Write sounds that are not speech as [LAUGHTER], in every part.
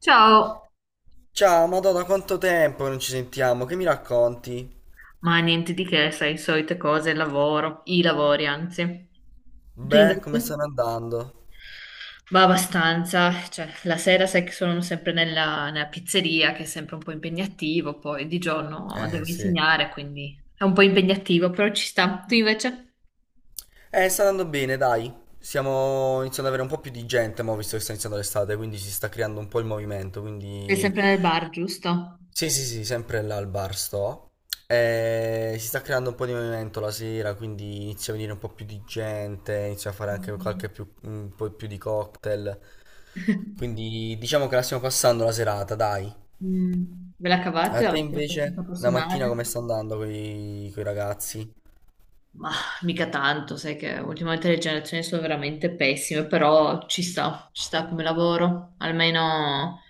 Ciao, Ciao, Madonna, quanto tempo che non ci sentiamo, che mi racconti? ma niente di che, sai, solite cose, lavoro, i lavori anzi. Tu Beh, come stanno invece? andando? Va abbastanza, cioè la sera sai che sono sempre nella pizzeria, che è sempre un po' impegnativo, poi di giorno devo Sì. insegnare, quindi è un po' impegnativo, però ci sta. Tu invece? Sta andando bene, dai. Stiamo iniziando ad avere un po' più di gente, ma visto che sta iniziando l'estate, quindi si sta creando un po' il movimento, Sei quindi. sempre nel bar, giusto? Sì, sì, sì, sempre là al bar sto. Si sta creando un po' di movimento la sera, quindi inizia a venire un po' più di gente, inizia a fare anche Mm. Un po' più di cocktail. [LAUGHS] Quindi diciamo che la stiamo passando la serata, dai. Mm. Ve la A cavate? te Avete questa invece, la mattina come personale? sta andando con i ragazzi? Ma mica tanto, sai che ultimamente le generazioni sono veramente pessime, però ci sta come lavoro. Almeno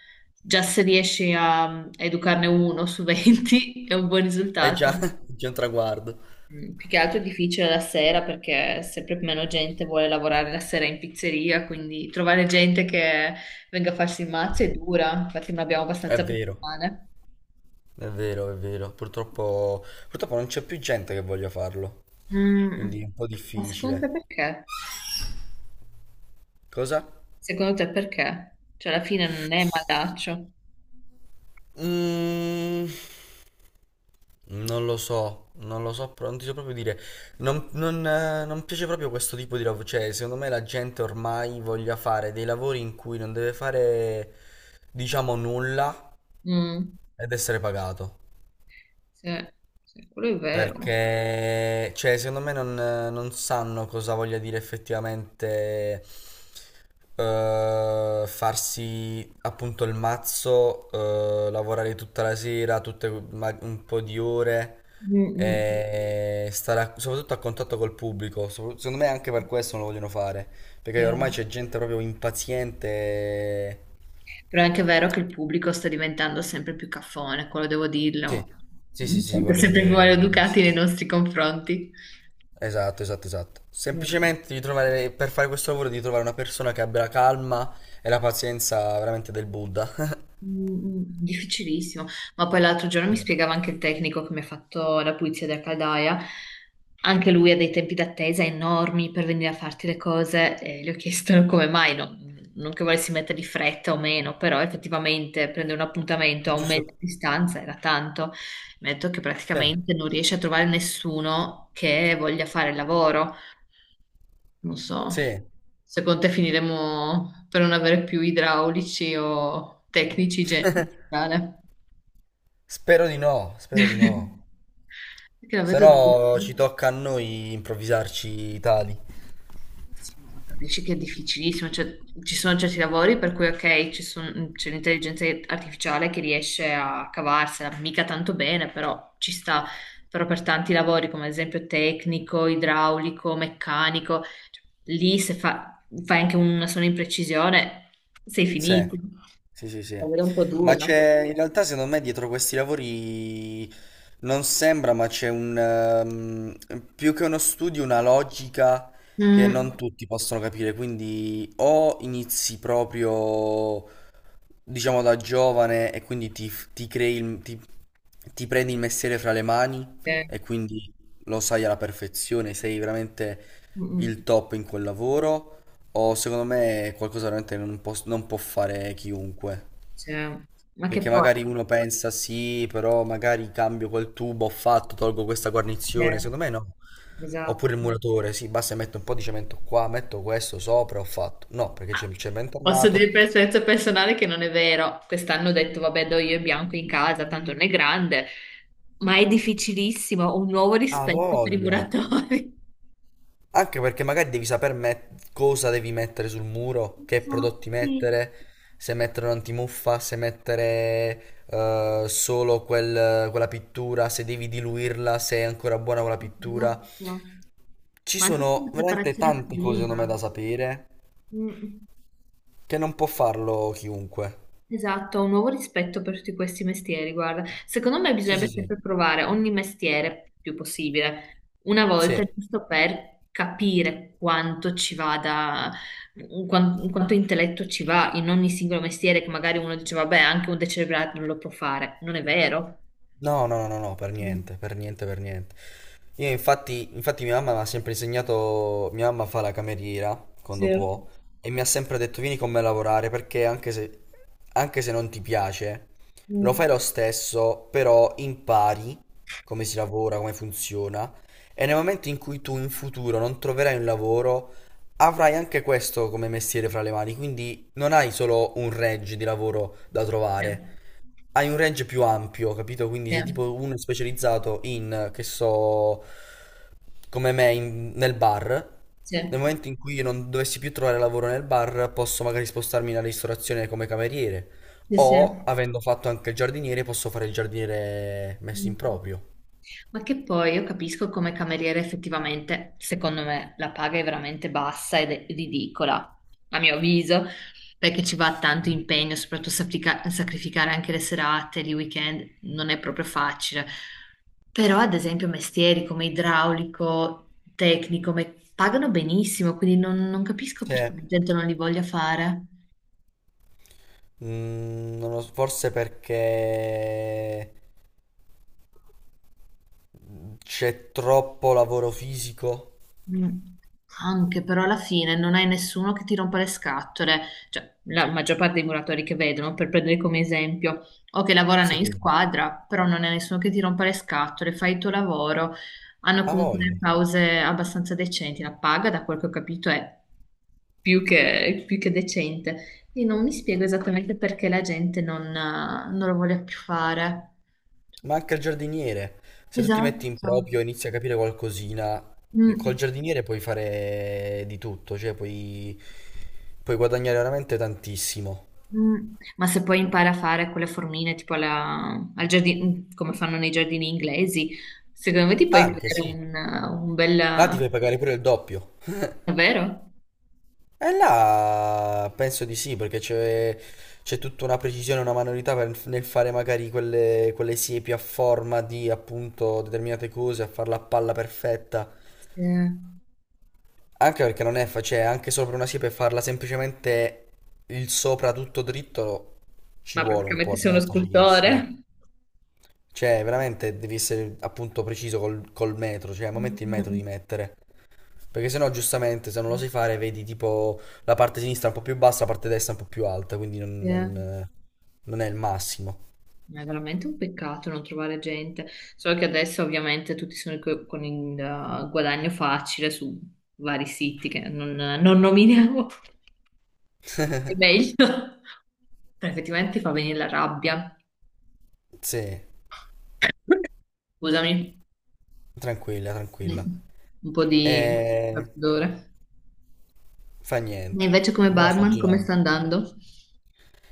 già se riesci a educarne uno su 20 [LAUGHS] è un buon È già, risultato. [LAUGHS] è già un traguardo. Mm, più che altro è difficile la sera perché sempre meno gente vuole lavorare la sera in pizzeria, quindi trovare gente che venga a farsi il mazzo è dura, infatti non abbiamo È abbastanza vero, persone. è vero, è vero. Purtroppo non c'è più gente che voglia farlo, quindi è Mm. un po' Ma secondo te difficile. perché? Cosa? Secondo te perché? Cioè alla fine non è malaccio. Mm, non lo so, non lo so, non ti so proprio dire. Non piace proprio questo tipo di lavoro. Cioè, secondo me la gente ormai voglia fare dei lavori in cui non deve fare, diciamo, nulla Mm. ed essere pagato. Sì, sì, quello è vero. Perché, cioè, secondo me non sanno cosa voglia dire effettivamente farsi appunto il mazzo, lavorare tutta la sera, un po' di ore Mm, mm, e stare soprattutto a contatto col pubblico. Secondo me anche per questo non lo vogliono fare, sì. perché ormai c'è gente proprio impaziente. Però è anche vero che il pubblico sta diventando sempre più caffone, quello devo Sì, dirlo. sì, sì, sì, Mm. quello è Sempre più vero, quello è maleducati verissimo. nei nostri confronti. Esatto, esatto, esatto. Mm. Semplicemente devi trovare, per fare questo lavoro devi trovare una persona che abbia la calma e la pazienza veramente del Buddha. [LAUGHS] Mm, mm, difficilissimo, ma poi l'altro giorno mi Sì. spiegava anche il tecnico che mi ha fatto la pulizia della caldaia, anche lui ha dei tempi d'attesa enormi per venire a farti le cose e gli ho chiesto [LAUGHS] come mai, non che volessi mettere di fretta o meno, però effettivamente prendere un appuntamento a un mese Giusto? di distanza era tanto, mi ha detto che Bene. praticamente non riesce a trovare nessuno che voglia fare il lavoro. Non so, Sì. secondo te finiremo per non avere più idraulici o tecnici in [LAUGHS] generale? Spero di no, spero di no. [LAUGHS] Perché la Se vedo dura. no ci tocca a noi improvvisarci tali. Sì, ma capisci che è difficilissimo, cioè, ci sono certi lavori per cui ok, c'è l'intelligenza artificiale che riesce a cavarsela, mica tanto bene, però ci sta. Però per tanti lavori, come ad esempio tecnico, idraulico, meccanico, cioè, lì se fa- fai anche una sola imprecisione, sei Sì, finito. sì, sì, sì. Davvero un po' Ma dura. c'è, in realtà secondo me dietro questi lavori non sembra, ma c'è un, più che uno studio, una logica che non Mm. tutti possono capire. Quindi o inizi proprio, diciamo, da giovane e quindi ti crei, ti prendi il mestiere fra le mani Eh, e quindi lo sai alla perfezione, sei veramente mm, mm. il top in quel lavoro. O secondo me è qualcosa veramente che non può fare chiunque. Cioè, ma che Perché poi? magari uno pensa sì, però magari cambio quel tubo, ho fatto, tolgo questa guarnizione. Eh, Secondo me no. esatto. Oppure il muratore, sì, basta metto un po' di cemento qua, metto questo sopra, ho fatto. No, perché c'è Ah, il cemento posso dire armato. per esperienza personale che non è vero. Quest'anno ho detto, vabbè, do io il bianco in casa, tanto non è grande, ma è difficilissimo. Ho un nuovo Ha rispetto per i voglia. muratori. Anche perché magari devi sapere cosa devi mettere sul muro, che prodotti Infatti, mettere, se mettere un'antimuffa, se mettere solo quella pittura, se devi diluirla, se è ancora buona quella pittura. esatto. Ci Ma anche per sono la veramente preparazione tante cose, secondo me, prima. da sapere Mm. che non può farlo chiunque. Esatto, un nuovo rispetto per tutti questi mestieri, guarda. Secondo me Sì, sì, bisognerebbe sì. sempre provare ogni mestiere più possibile, una volta, Sì. giusto per capire quanto ci vada, quanto intelletto ci va in ogni singolo mestiere, che magari uno dice, vabbè, anche un decerebrato non lo può fare. Non è vero? No, no, no, no, per Mm. niente, per niente, per niente. Io infatti mia mamma mi ha sempre insegnato, mia mamma fa la cameriera Sì. quando può e mi ha sempre detto vieni con me a lavorare perché anche se non ti piace, lo Mm. fai lo stesso, però impari come si lavora, come funziona e nel momento in cui tu in futuro non troverai un lavoro, avrai anche questo come mestiere fra le mani, quindi non hai solo un range di lavoro da Sì, trovare, hai un range più ampio, capito? Quindi se tipo uno è specializzato in, che so, come me, nel bar, sì, nel momento in cui io non dovessi più trovare lavoro nel bar, posso magari spostarmi nella ristorazione come cameriere. sì, sì. O, avendo fatto anche il giardiniere, posso fare il giardiniere messo Mm. in proprio. Ma che poi io capisco come cameriere effettivamente, secondo me, la paga è veramente bassa ed è ridicola, a mio avviso, perché ci va tanto impegno, soprattutto sacrificare anche le serate, i weekend, non è proprio facile. Però, ad esempio, mestieri come idraulico, tecnico, pagano benissimo, quindi non capisco perché Cioè, la gente non li voglia fare. Non lo so, forse perché c'è troppo lavoro fisico. Mm. Anche però alla fine non hai nessuno che ti rompa le scatole, cioè la maggior parte dei muratori che vedono, per prendere come esempio, o che lavorano in Sì, squadra, però non è nessuno che ti rompa le scatole, fai il tuo lavoro, hanno ha comunque delle voglia. pause abbastanza decenti, la paga da quel che ho capito è più che decente. Quindi non mi spiego esattamente perché la gente non lo voglia più fare. Ma anche il giardiniere, se tu ti metti Esatto. in proprio e inizi a capire qualcosina, col Mm. giardiniere puoi fare di tutto, cioè puoi guadagnare veramente tantissimo. Mm, ma se poi impara a fare quelle formine tipo al giardino, come fanno nei giardini inglesi, secondo me ti puoi Anche creare sì, un là ti bel... fai pagare pure il doppio. Davvero? E là penso di sì, perché c'è tutta una precisione, una manualità nel fare magari quelle siepi a forma di appunto determinate cose, a farla a palla perfetta. Sì. Ma Anche perché non è facile, anche sopra una siepe farla semplicemente il sopra tutto dritto ci vuole un praticamente po', sei non uno è facilissimo. scultore. Cioè, veramente devi essere appunto preciso col metro, cioè al momento il metro Mm, di mettere. Perché sennò giustamente se non lo sai fare vedi tipo la parte sinistra un po' più bassa, la parte destra un po' più alta, quindi non, sì. non, eh, non è il massimo. Ma è veramente un peccato non trovare gente. Solo che adesso ovviamente tutti sono con il guadagno facile su vari siti che non nominiamo. [LAUGHS] È meglio. Effettivamente ti fa venire la rabbia. Sì, Scusami. tranquilla, tranquilla. Mm. Un po' di E raffreddore. fa E niente. invece come Mo' sto barman, come girando. sta andando?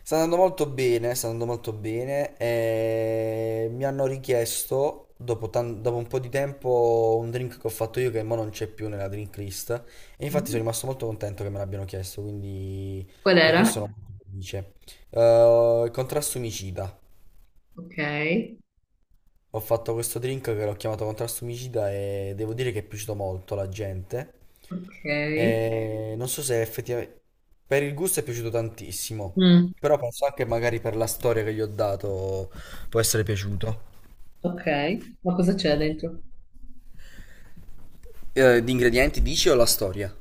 Sta andando molto bene, sta andando molto bene. E mi hanno richiesto, dopo, dopo un po' di tempo, un drink che ho fatto io che mo non c'è più nella drink list. E infatti sono Mm. rimasto molto contento che me l'abbiano chiesto, quindi Qual per era? questo sono molto felice. Il contrasto omicida. Ok, Ho fatto questo drink che l'ho chiamato contrasto omicida e devo dire che è piaciuto molto alla gente. ok. Non so se effettivamente per il gusto è piaciuto tantissimo, Mm. però penso anche magari per la storia che gli ho dato può essere piaciuto. Ok, ma cosa c'è dentro? Di ingredienti dici o la storia?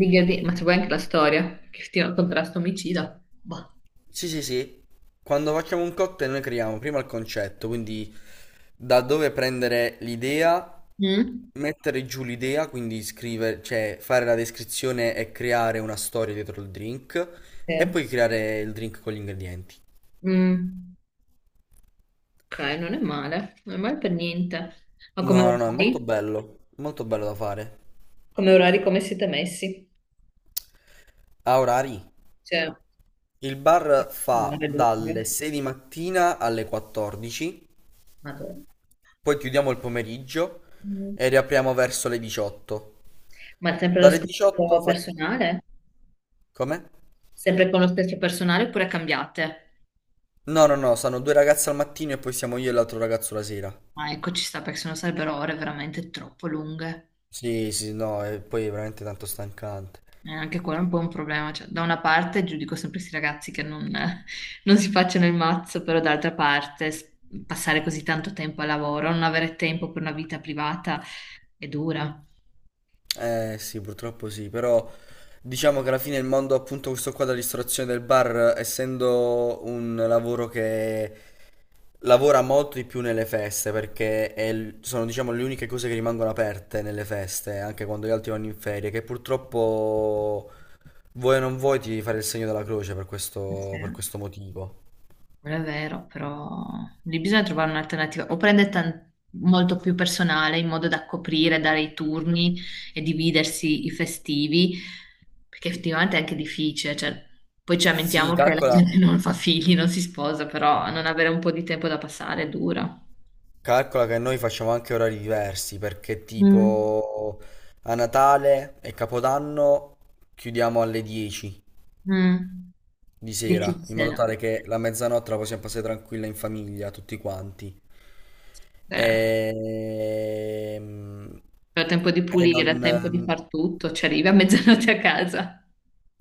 Ma c'è poi anche la storia, che ti contrasto omicida. Boh. Sì, sì, sì. Quando facciamo un cocktail noi creiamo prima il concetto, quindi da dove prendere l'idea, Mm? mettere giù l'idea, quindi scrivere, cioè fare la descrizione e creare una storia dietro il drink Sì. e poi creare il drink con gli ingredienti. Mm. Ok, non è male, non è male per niente. Ma come No, no, no, è orari? Molto bello da fare. Come orari, come siete messi? A orari. Cioè, Il bar fa un'ora, due, dalle tre. 6 di mattina alle 14, Madonna. poi chiudiamo il pomeriggio Mm. e riapriamo verso le 18. Ma sempre lo Dalle 18 stesso fa. personale? Come? Sempre con lo stesso personale oppure cambiate? No, no, no, sono due ragazze al mattino e poi siamo io e l'altro ragazzo la sera. Ah, ecco, ci sta perché sennò sarebbero ore veramente troppo lunghe. Sì, sì, no, e poi è veramente tanto stancante. Anche quello è un po' un problema. Cioè, da una parte giudico sempre questi ragazzi che non, [LAUGHS] non si facciano il mazzo, però d'altra parte passare così tanto tempo al lavoro, non avere tempo per una vita privata è dura. Eh sì, purtroppo sì, però diciamo che alla fine il mondo appunto questo qua della ristorazione del bar, essendo un lavoro che lavora molto di più nelle feste perché è sono diciamo le uniche cose che rimangono aperte nelle feste, anche quando gli altri vanno in ferie, che purtroppo vuoi o non vuoi ti devi fare il segno della croce Eh sì. Per questo motivo. Quello è vero, però lì bisogna trovare un'alternativa. O molto più personale in modo da coprire, dare i turni e dividersi i festivi, perché effettivamente è anche difficile. Cioè, poi ci Sì, lamentiamo che la calcola, gente non fa figli, non si sposa, però non avere un po' di tempo da passare è dura. calcola che noi facciamo anche orari diversi perché Mm. tipo a Natale e Capodanno chiudiamo alle 10 Mm. di sera, in modo Difficile. tale che la mezzanotte la possiamo passare tranquilla in famiglia, tutti quanti. Eh. Ehm, Però tempo di E, non. pulire, tempo di far tutto, ci arrivi a mezzanotte a casa.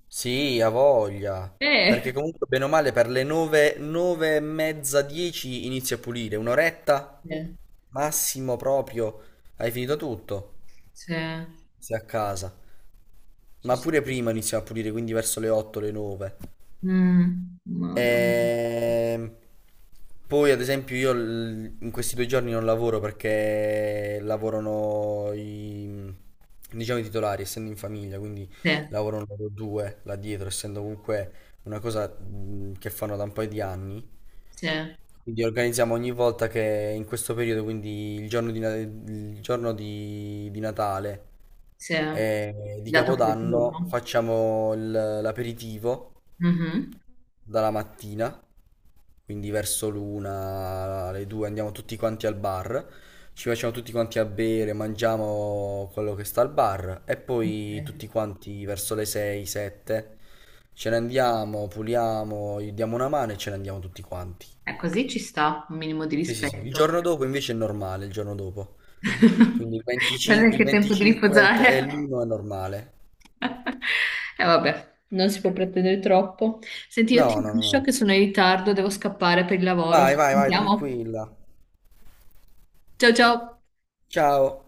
Sì, ha voglia. Eh. Perché comunque, bene o male, per le 9, 9:30, 10 inizia a pulire. Un'oretta, Eh, massimo proprio, hai finito tutto. sì, Sei a casa. ci Ma pure sta. prima inizia a pulire, quindi verso le 8, le 9. Mm, madonna. Ehm, Poi, ad esempio, io in questi 2 giorni non lavoro perché lavorano i, diciamo, i titolari, essendo in famiglia, quindi Sì, lavorano loro due là dietro, essendo comunque una cosa che fanno da un paio di anni. sì, Quindi organizziamo ogni volta che in questo periodo, quindi il giorno di Natale sì. e di Dato quel Capodanno turno. facciamo l'aperitivo Mhm. dalla mattina, quindi verso l'1, le 2 andiamo tutti quanti al bar, ci facciamo tutti quanti a bere, mangiamo quello che sta al bar e poi Ok. tutti quanti verso le 6, 7 ce ne andiamo, puliamo, gli diamo una mano e ce ne andiamo tutti quanti. Così ci sta, un minimo di Sì, sì, sì. Il rispetto. giorno dopo invece è normale, il giorno dopo. Quindi [LAUGHS] il Non è 25, il che è tempo di 25 e riposare. l'1 è normale. [LAUGHS] E vabbè, non si può pretendere troppo. Senti, io ti No, no, no, lascio che no. sono in ritardo, devo scappare per il lavoro. Vai, Ci vai, vai, sentiamo. tranquilla. Ciao ciao. Ciao.